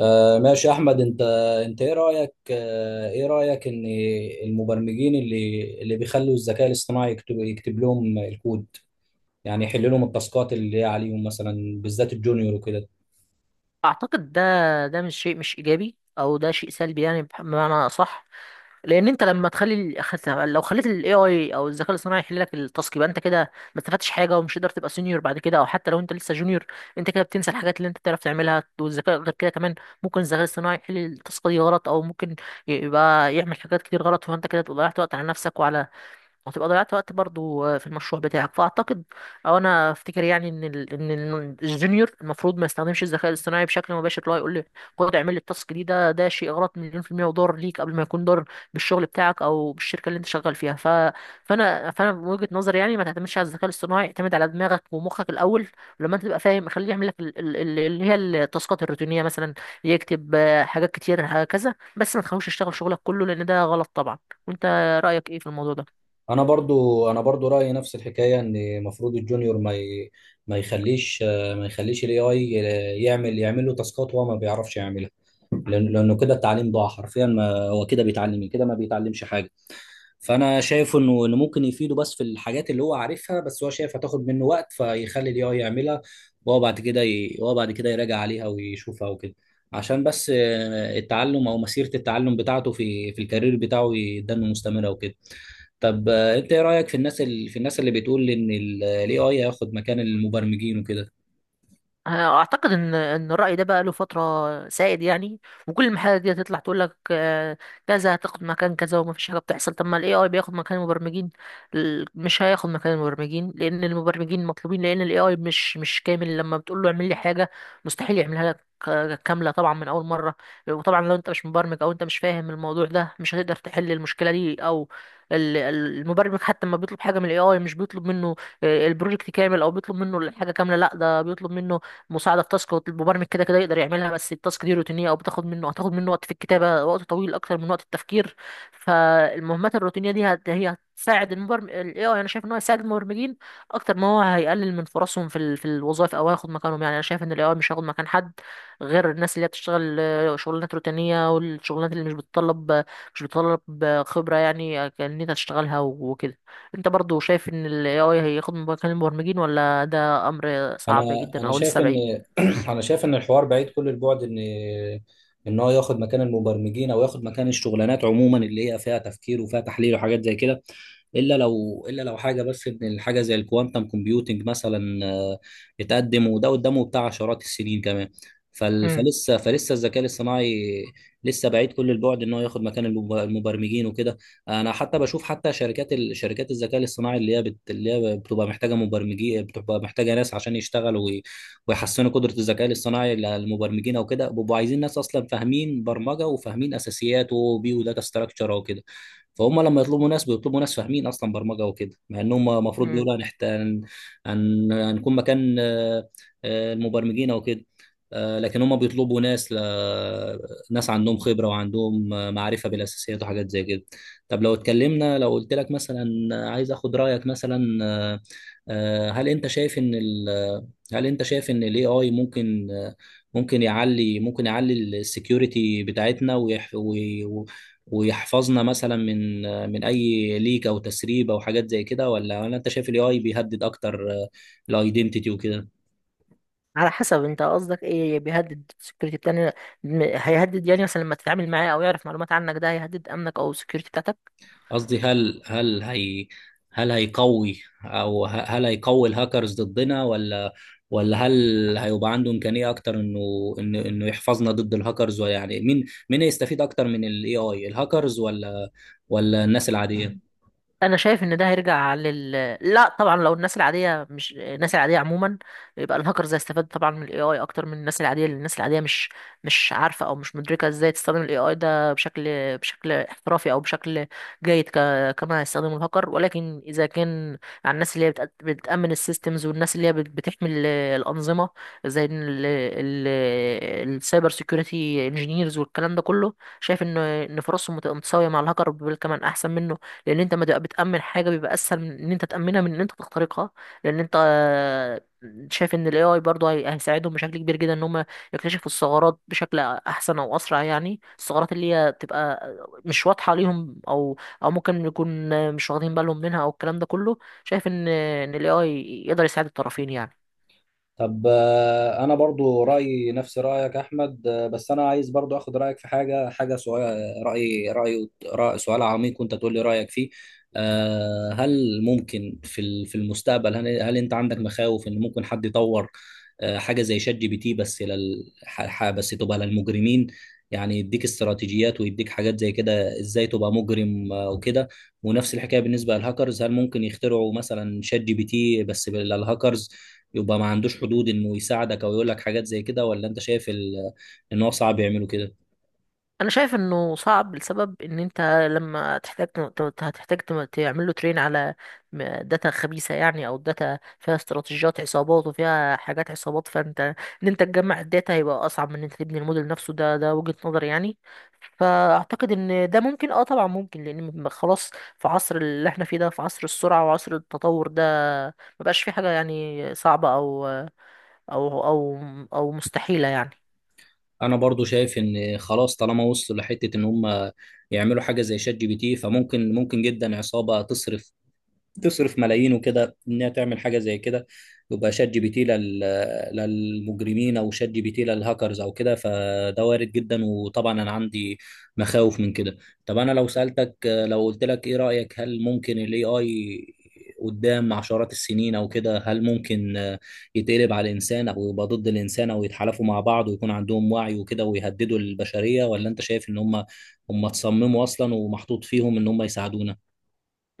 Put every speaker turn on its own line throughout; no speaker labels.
ماشي يا احمد، انت ايه رايك؟ ايه رايك ان المبرمجين اللي بيخلوا الذكاء الاصطناعي يكتب لهم الكود، يعني يحل لهم التاسكات اللي هي عليهم مثلا، بالذات الجونيور وكده؟
اعتقد ده مش شيء، مش ايجابي، او ده شيء سلبي، يعني بمعنى صح. لان انت لما تخلي لو خليت الاي اي او الذكاء الاصطناعي يحل لك التاسك، يبقى انت كده ما استفدتش حاجه، ومش هتقدر تبقى سينيور بعد كده، او حتى لو انت لسه جونيور، انت كده بتنسى الحاجات اللي انت بتعرف تعملها. والذكاء غير كده كمان، ممكن الذكاء الاصطناعي يحل التاسك دي غلط، او ممكن يبقى يعمل حاجات كتير غلط، فانت كده ضيعت وقت على نفسك، وعلى وهتبقى ضيعت وقت برضو في المشروع بتاعك. فاعتقد، او انا افتكر يعني، ان الجونيور المفروض ما يستخدمش الذكاء الاصطناعي بشكل مباشر، اللي هو يقول لي خد اعمل لي التاسك دي. ده شيء غلط 1,000,000%، وضار ليك، قبل ما يكون ضار بالشغل بتاعك او بالشركة اللي انت شغال فيها. فانا من وجهة نظري يعني، ما تعتمدش على الذكاء الاصطناعي، اعتمد على دماغك ومخك الاول. ولما انت تبقى فاهم خليه يعمل لك اللي هي التاسكات الروتينية مثلا، يكتب حاجات كتير هكذا، بس ما تخلوش يشتغل شغلك كله لان ده غلط طبعا. وانت رأيك ايه في الموضوع ده؟
انا برضو رايي نفس الحكايه، ان المفروض الجونيور ما يخليش الاي اي يعمل له تاسكات هو ما بيعرفش يعملها. لانه كده التعليم ضاع حرفيا، ما هو كده بيتعلم إيه؟ كده ما بيتعلمش حاجه. فانا شايف انه ممكن يفيده، بس في الحاجات اللي هو عارفها، بس هو شايف هتاخد منه وقت فيخلي الاي اي يعملها، وهو بعد كده يراجع عليها ويشوفها وكده، عشان بس التعلم او مسيره التعلم بتاعته في الكارير بتاعه يدن مستمره وكده. طب، انت ايه رايك في الناس اللي بتقول ان الاي اي هياخد مكان المبرمجين وكده؟
اعتقد ان الراي ده بقى له فتره سائد يعني، وكل المحلات دي هتطلع تقول لك كذا هتاخد مكان كذا، وما فيش حاجه بتحصل. طب ما الاي اي بياخد مكان المبرمجين، مش هياخد مكان المبرمجين لان المبرمجين مطلوبين، لان الاي اي مش كامل، لما بتقول له اعمل لي حاجه مستحيل يعملها لك كامله طبعا من اول مره. وطبعا لو انت مش مبرمج او انت مش فاهم الموضوع ده مش هتقدر تحل المشكله دي، او المبرمج حتى لما بيطلب حاجه من الاي اي مش بيطلب منه البروجكت كامل، او بيطلب منه الحاجه كامله، لا ده بيطلب منه مساعده في تاسك. المبرمج كده كده يقدر يعملها، بس التاسك دي روتينيه، او بتاخد منه هتاخد منه وقت في الكتابه، وقت طويل اكتر من وقت التفكير. فالمهمات الروتينيه دي هي هتساعد المبرمج. الاي اي انا شايف ان هو هيساعد المبرمجين اكتر ما هو هيقلل من فرصهم في الوظائف او هياخد مكانهم. يعني انا شايف ان الاي اي مش هياخد مكان حد، غير الناس اللي هي بتشتغل شغلانات روتينيه، والشغلانات اللي مش بتطلب خبره، يعني ان انت تشتغلها وكده. انت برضو شايف ان ال AI هياخد مكان المبرمجين، ولا ده امر
انا
صعب جدا
انا
او لسه
شايف
بعيد؟
ان انا شايف ان الحوار بعيد كل البعد ان ان هو ياخد مكان المبرمجين، او ياخد مكان الشغلانات عموما اللي هي فيها تفكير وفيها تحليل وحاجات زي كده، الا لو حاجه، بس ان الحاجه زي الكوانتم كومبيوتنج مثلا اتقدم، وده قدامه بتاع عشرات السنين كمان.
امم
فلسه الذكاء الاصطناعي لسه بعيد كل البعد ان هو ياخد مكان المبرمجين وكده. انا حتى بشوف، حتى شركات شركات الذكاء الاصطناعي اللي هي بتبقى محتاجه مبرمجين، بتبقى محتاجه ناس عشان يشتغلوا ويحسنوا قدره الذكاء الاصطناعي للمبرمجين، او كده بيبقوا عايزين ناس اصلا فاهمين برمجه وفاهمين اساسيات و بي وداتا ستراكشر او كده. فهم لما يطلبوا ناس، بيطلبوا ناس فاهمين اصلا برمجه وكده، مع انهم المفروض
امم
بيقولوا هنكون مكان المبرمجين او كده. لكن هم بيطلبوا ناس ناس عندهم خبره وعندهم معرفه بالاساسيات وحاجات زي كده. طب، لو اتكلمنا، لو قلت لك مثلا، عايز اخد رايك مثلا، آه، هل انت شايف ان ال هل انت شايف ان الاي اي ممكن، ممكن يعلي السكيورتي بتاعتنا، ويحفظنا مثلا من من اي ليك او تسريب او حاجات زي كده، ولا انت شايف الاي اي بيهدد اكتر الايدنتيتي وكده؟
على حسب، انت قصدك ايه بيهدد السكيورتي بتاعنا؟ هيهدد يعني مثلا لما تتعامل معاه او يعرف معلومات عنك، ده هيهدد امنك او السكيورتي بتاعتك؟
قصدي، هل هيقوي، هل هيقوي الهاكرز ضدنا؟ ولا هل هيبقى عنده امكانيه اكتر انه يحفظنا ضد الهاكرز؟ ولا يعني مين هيستفيد اكتر من الاي اي، الهاكرز ولا الناس العاديه؟
انا شايف ان ده هيرجع لا طبعا. لو الناس العاديه، مش الناس العاديه عموما، يبقى الهاكرز هيستفاد طبعا من الاي اي اكتر من الناس العاديه، لان الناس العاديه مش عارفه او مش مدركه ازاي تستخدم الاي اي ده بشكل احترافي او بشكل جيد كما هيستخدمه الهاكر. ولكن اذا كان على الناس اللي هي بتامن السيستمز، والناس اللي هي بتحمي الانظمه، زي ال... السايبر سيكيورتي انجينيرز والكلام ده كله، شايف ان فرصهم متساويه مع الهاكر، بل كمان احسن منه. لان انت، ما تبقى بتامن حاجه بيبقى اسهل من ان انت تامنها من ان انت تخترقها، لان انت شايف ان الاي اي برضه هيساعدهم بشكل كبير جدا ان هم يكتشفوا الثغرات بشكل احسن او اسرع، يعني الثغرات اللي هي تبقى مش واضحه ليهم، او ممكن يكون مش واخدين بالهم منها، او الكلام ده كله. شايف ان الاي اي يقدر يساعد الطرفين يعني.
طب، انا برضو رايي نفس رايك احمد، بس انا عايز برضو اخد رايك في حاجه، سؤال، سؤال عميق، وانت تقول لي رايك فيه. هل ممكن في في المستقبل، هل انت عندك مخاوف ان ممكن حد يطور حاجه زي شات جي بي تي، بس لل ح- ح- بس تبقى للمجرمين، يعني يديك استراتيجيات ويديك حاجات زي كده ازاي تبقى مجرم، وكده. ونفس الحكايه بالنسبه للهاكرز، هل ممكن يخترعوا مثلا شات جي بي تي بس للهاكرز يبقى ما عندوش حدود انه يساعدك او يقول لك حاجات زي كده؟ ولا انت شايف ان هو صعب يعملوا كده؟
انا شايف انه صعب لسبب ان انت لما تحتاج هتحتاج تعمل له ترين على داتا خبيثه يعني، او داتا فيها استراتيجيات عصابات وفيها حاجات عصابات، فانت، ان انت تجمع الداتا هيبقى اصعب من ان انت تبني الموديل نفسه، ده وجهه نظري يعني. فاعتقد ان ده ممكن، طبعا ممكن، لان خلاص، في عصر اللي احنا فيه ده، في عصر السرعه وعصر التطور ده، مبقاش في حاجه يعني صعبه او او او مستحيله يعني.
انا برضو شايف ان خلاص طالما وصلوا لحته ان هم يعملوا حاجه زي شات جي بي تي، ممكن جدا عصابه تصرف ملايين وكده انها تعمل حاجه زي كده. يبقى شات جي بي تي للمجرمين، او شات جي بي تي للهاكرز او كده، فده وارد جدا، وطبعا انا عندي مخاوف من كده. طب، انا لو سالتك لو قلت لك ايه رايك، هل ممكن الاي اي قدام عشرات السنين او كده، هل ممكن يتقلب على الانسان او يبقى ضد الانسان، او يتحالفوا مع بعض ويكون عندهم وعي وكده ويهددوا البشريه؟ ولا انت شايف ان هم تصمموا اصلا ومحطوط فيهم ان هم يساعدونا؟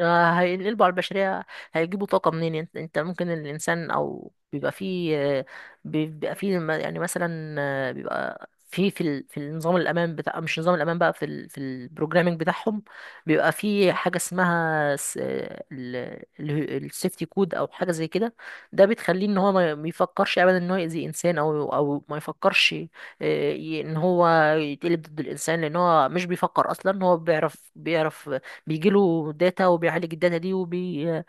هينقلبوا على البشرية؟ هيجيبوا طاقة منين؟ انت ممكن الإنسان أو بيبقى فيه بيبقى فيه يعني مثلا بيبقى في في النظام الأمان بتاع، مش نظام الأمان بقى، في البروجرامينج بتاعهم، بيبقى في حاجة اسمها السيفتي كود أو حاجة زي كده. ده بتخليه إن هو ما يفكرش أبدا إن هو يأذي إنسان، أو ما يفكرش إن هو يتقلب ضد الإنسان. لأن هو مش بيفكر أصلا، هو بيعرف بيجيله داتا وبيعالج الداتا دي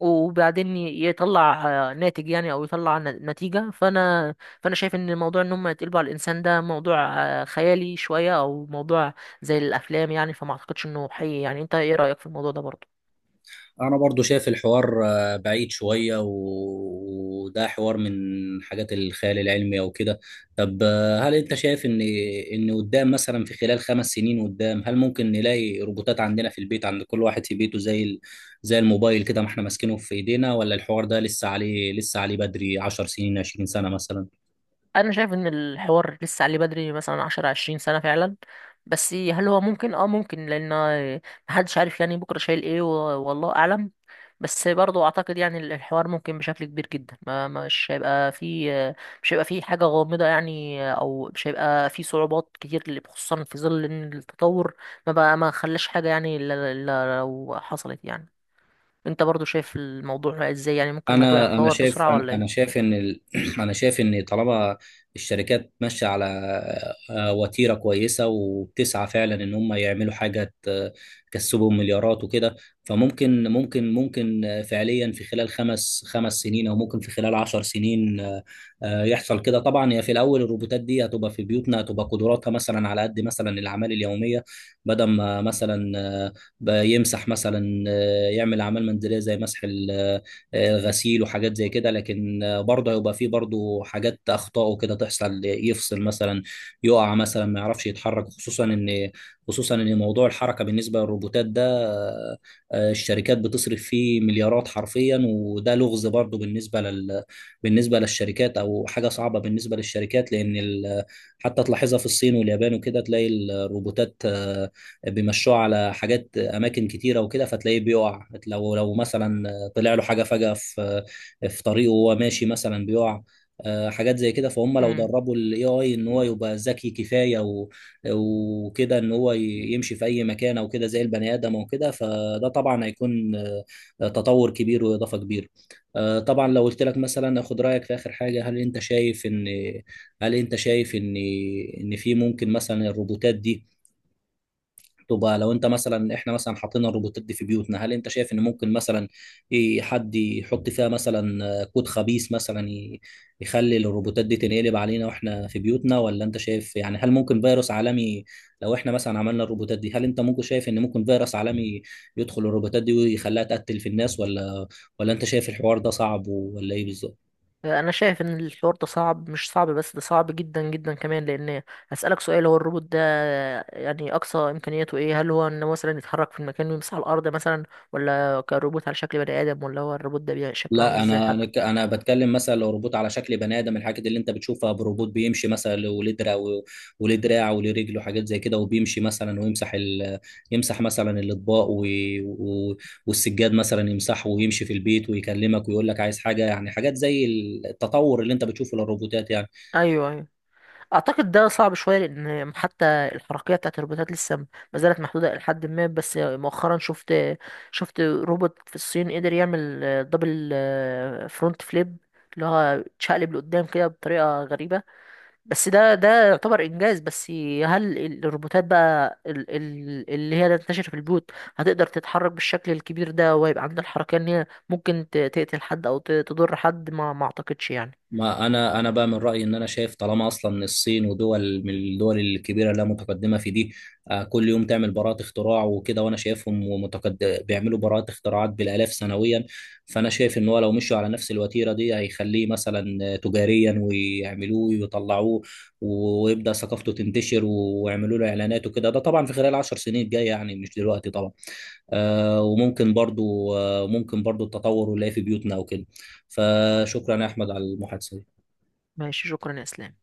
وبعدين يطلع ناتج يعني، او يطلع نتيجة. فانا شايف ان موضوع ان هم يتقلبوا على الانسان ده موضوع خيالي شوية، او موضوع زي الافلام يعني، فما اعتقدش انه حقيقي يعني. انت ايه رأيك في الموضوع ده برضه؟
انا برضو شايف الحوار بعيد شوية، وده حوار من حاجات الخيال العلمي او كده. طب، هل انت شايف ان قدام مثلا في خلال 5 سنين قدام، هل ممكن نلاقي روبوتات عندنا في البيت، عند كل واحد في بيته، زي الموبايل كده ما احنا ماسكينه في ايدينا؟ ولا الحوار ده لسه عليه بدري، 10 سنين 20 سنة مثلا؟
انا شايف ان الحوار لسه عليه بدري، مثلا 10-20 سنة فعلا. بس هل هو ممكن؟ اه ممكن، لان محدش عارف يعني بكرة شايل ايه، والله اعلم. بس برضو اعتقد يعني الحوار ممكن بشكل كبير جدا، ما مش هيبقى في حاجة غامضة يعني، او مش هيبقى في صعوبات كتير، خصوصا في ظل ان التطور ما خلاش حاجة يعني، إلا لو حصلت يعني. انت برضو شايف الموضوع ازاي؟ يعني ممكن الموضوع
انا انا
يتطور
شايف
بسرعة
انا
ولا
أنا شايف ان ال... انا شايف ان طالما الشركات ماشيه على وتيره كويسه، وبتسعى فعلا ان هم يعملوا حاجه تكسبهم مليارات وكده. فممكن ممكن ممكن فعليا، في خلال خمس سنين، او ممكن في خلال 10 سنين، يحصل كده. طبعا هي في الاول الروبوتات دي هتبقى في بيوتنا، هتبقى قدراتها مثلا على قد مثلا الاعمال اليوميه، بدل ما مثلا بيمسح مثلا آه، يعمل اعمال منزليه زي مسح ال غسيل وحاجات زي كده. لكن برضه هيبقى فيه برضه حاجات اخطاء وكده تحصل، يفصل مثلا، يقع مثلا، ما يعرفش يتحرك، خصوصا ان موضوع الحركه بالنسبه للروبوتات ده، الشركات بتصرف فيه مليارات حرفيا، وده لغز برضه بالنسبه للشركات، او حاجه صعبه بالنسبه للشركات، لان حتى تلاحظها في الصين واليابان وكده، تلاقي الروبوتات، بيمشوها على حاجات اماكن كتيره وكده، فتلاقيه بيقع لو مثلا طلع له حاجه فجاه في طريقه وهو ماشي مثلا بيقع، حاجات زي كده. فهم لو
ايه؟
دربوا الاي اي ان هو يبقى ذكي كفايه وكده ان هو يمشي في اي مكان او كده زي البني ادم او كده، فده طبعا هيكون تطور كبير واضافه كبيره. طبعا، لو قلت لك مثلا اخد رايك في اخر حاجه، هل انت شايف ان في ممكن مثلا الروبوتات دي تبقى، لو انت مثلا، احنا مثلا حاطين الروبوتات دي في بيوتنا، هل انت شايف ان ممكن مثلا ايه حد يحط فيها مثلا كود خبيث مثلا يخلي الروبوتات دي تنقلب علينا واحنا في بيوتنا؟ ولا انت شايف، يعني هل ممكن فيروس عالمي لو احنا مثلا عملنا الروبوتات دي، هل انت ممكن شايف ان ممكن فيروس عالمي يدخل الروبوتات دي ويخليها تقتل في الناس؟ ولا انت شايف الحوار ده صعب، ولا ايه بالظبط؟
انا شايف ان الحوار ده صعب، مش صعب بس ده صعب جدا جدا كمان، لان هسألك سؤال. هو الروبوت ده يعني اقصى امكانياته ايه؟ هل هو انه مثلا يتحرك في المكان ويمسح الارض مثلا، ولا كروبوت على شكل بني ادم، ولا هو الروبوت ده بيبقى شكله عامل
لا،
ازاي
انا انا
حتى؟
ك- أنا بتكلم مثلا لو روبوت على شكل بني ادم، الحاجات اللي انت بتشوفها بروبوت بيمشي مثلا وليه دراع، وليه دراع وليه رجل وحاجات زي كده، وبيمشي مثلا ويمسح يمسح مثلا الاطباق و... والسجاد مثلا يمسحه، ويمشي في البيت ويكلمك ويقول لك عايز حاجه، يعني حاجات زي التطور اللي انت بتشوفه للروبوتات يعني.
ايوه، ايوه. اعتقد ده صعب شويه، لان حتى الحركيه بتاعت الروبوتات لسه ما زالت محدوده الى حد ما. بس مؤخرا شفت روبوت في الصين قدر يعمل دبل فرونت فليب، اللي هو اتشقلب لقدام كده بطريقه غريبه. بس ده يعتبر انجاز. بس هل الروبوتات بقى اللي هي تنتشر في البيوت هتقدر تتحرك بالشكل الكبير ده، ويبقى عندها الحركيه ان هي ممكن تقتل حد او تضر حد؟ ما اعتقدش يعني.
ما انا بقى من رايي ان انا شايف، طالما اصلا الصين ودول من الدول الكبيره اللي متقدمه في دي كل يوم تعمل براءات اختراع وكده، وانا شايفهم بيعملوا براءات اختراعات بالالاف سنويا. فانا شايف ان هو لو مشوا على نفس الوتيره دي، هيخليه مثلا تجاريا ويعملوه ويطلعوه، ويبدا ثقافته تنتشر، ويعملوا له اعلانات وكده، ده طبعا في خلال 10 سنين الجايه، يعني مش دلوقتي طبعا. وممكن برضو آه، ممكن برضو التطور اللي في بيوتنا وكده. فشكرا يا احمد على المحادثه دي.
ماشي، شكرا يا اسلام.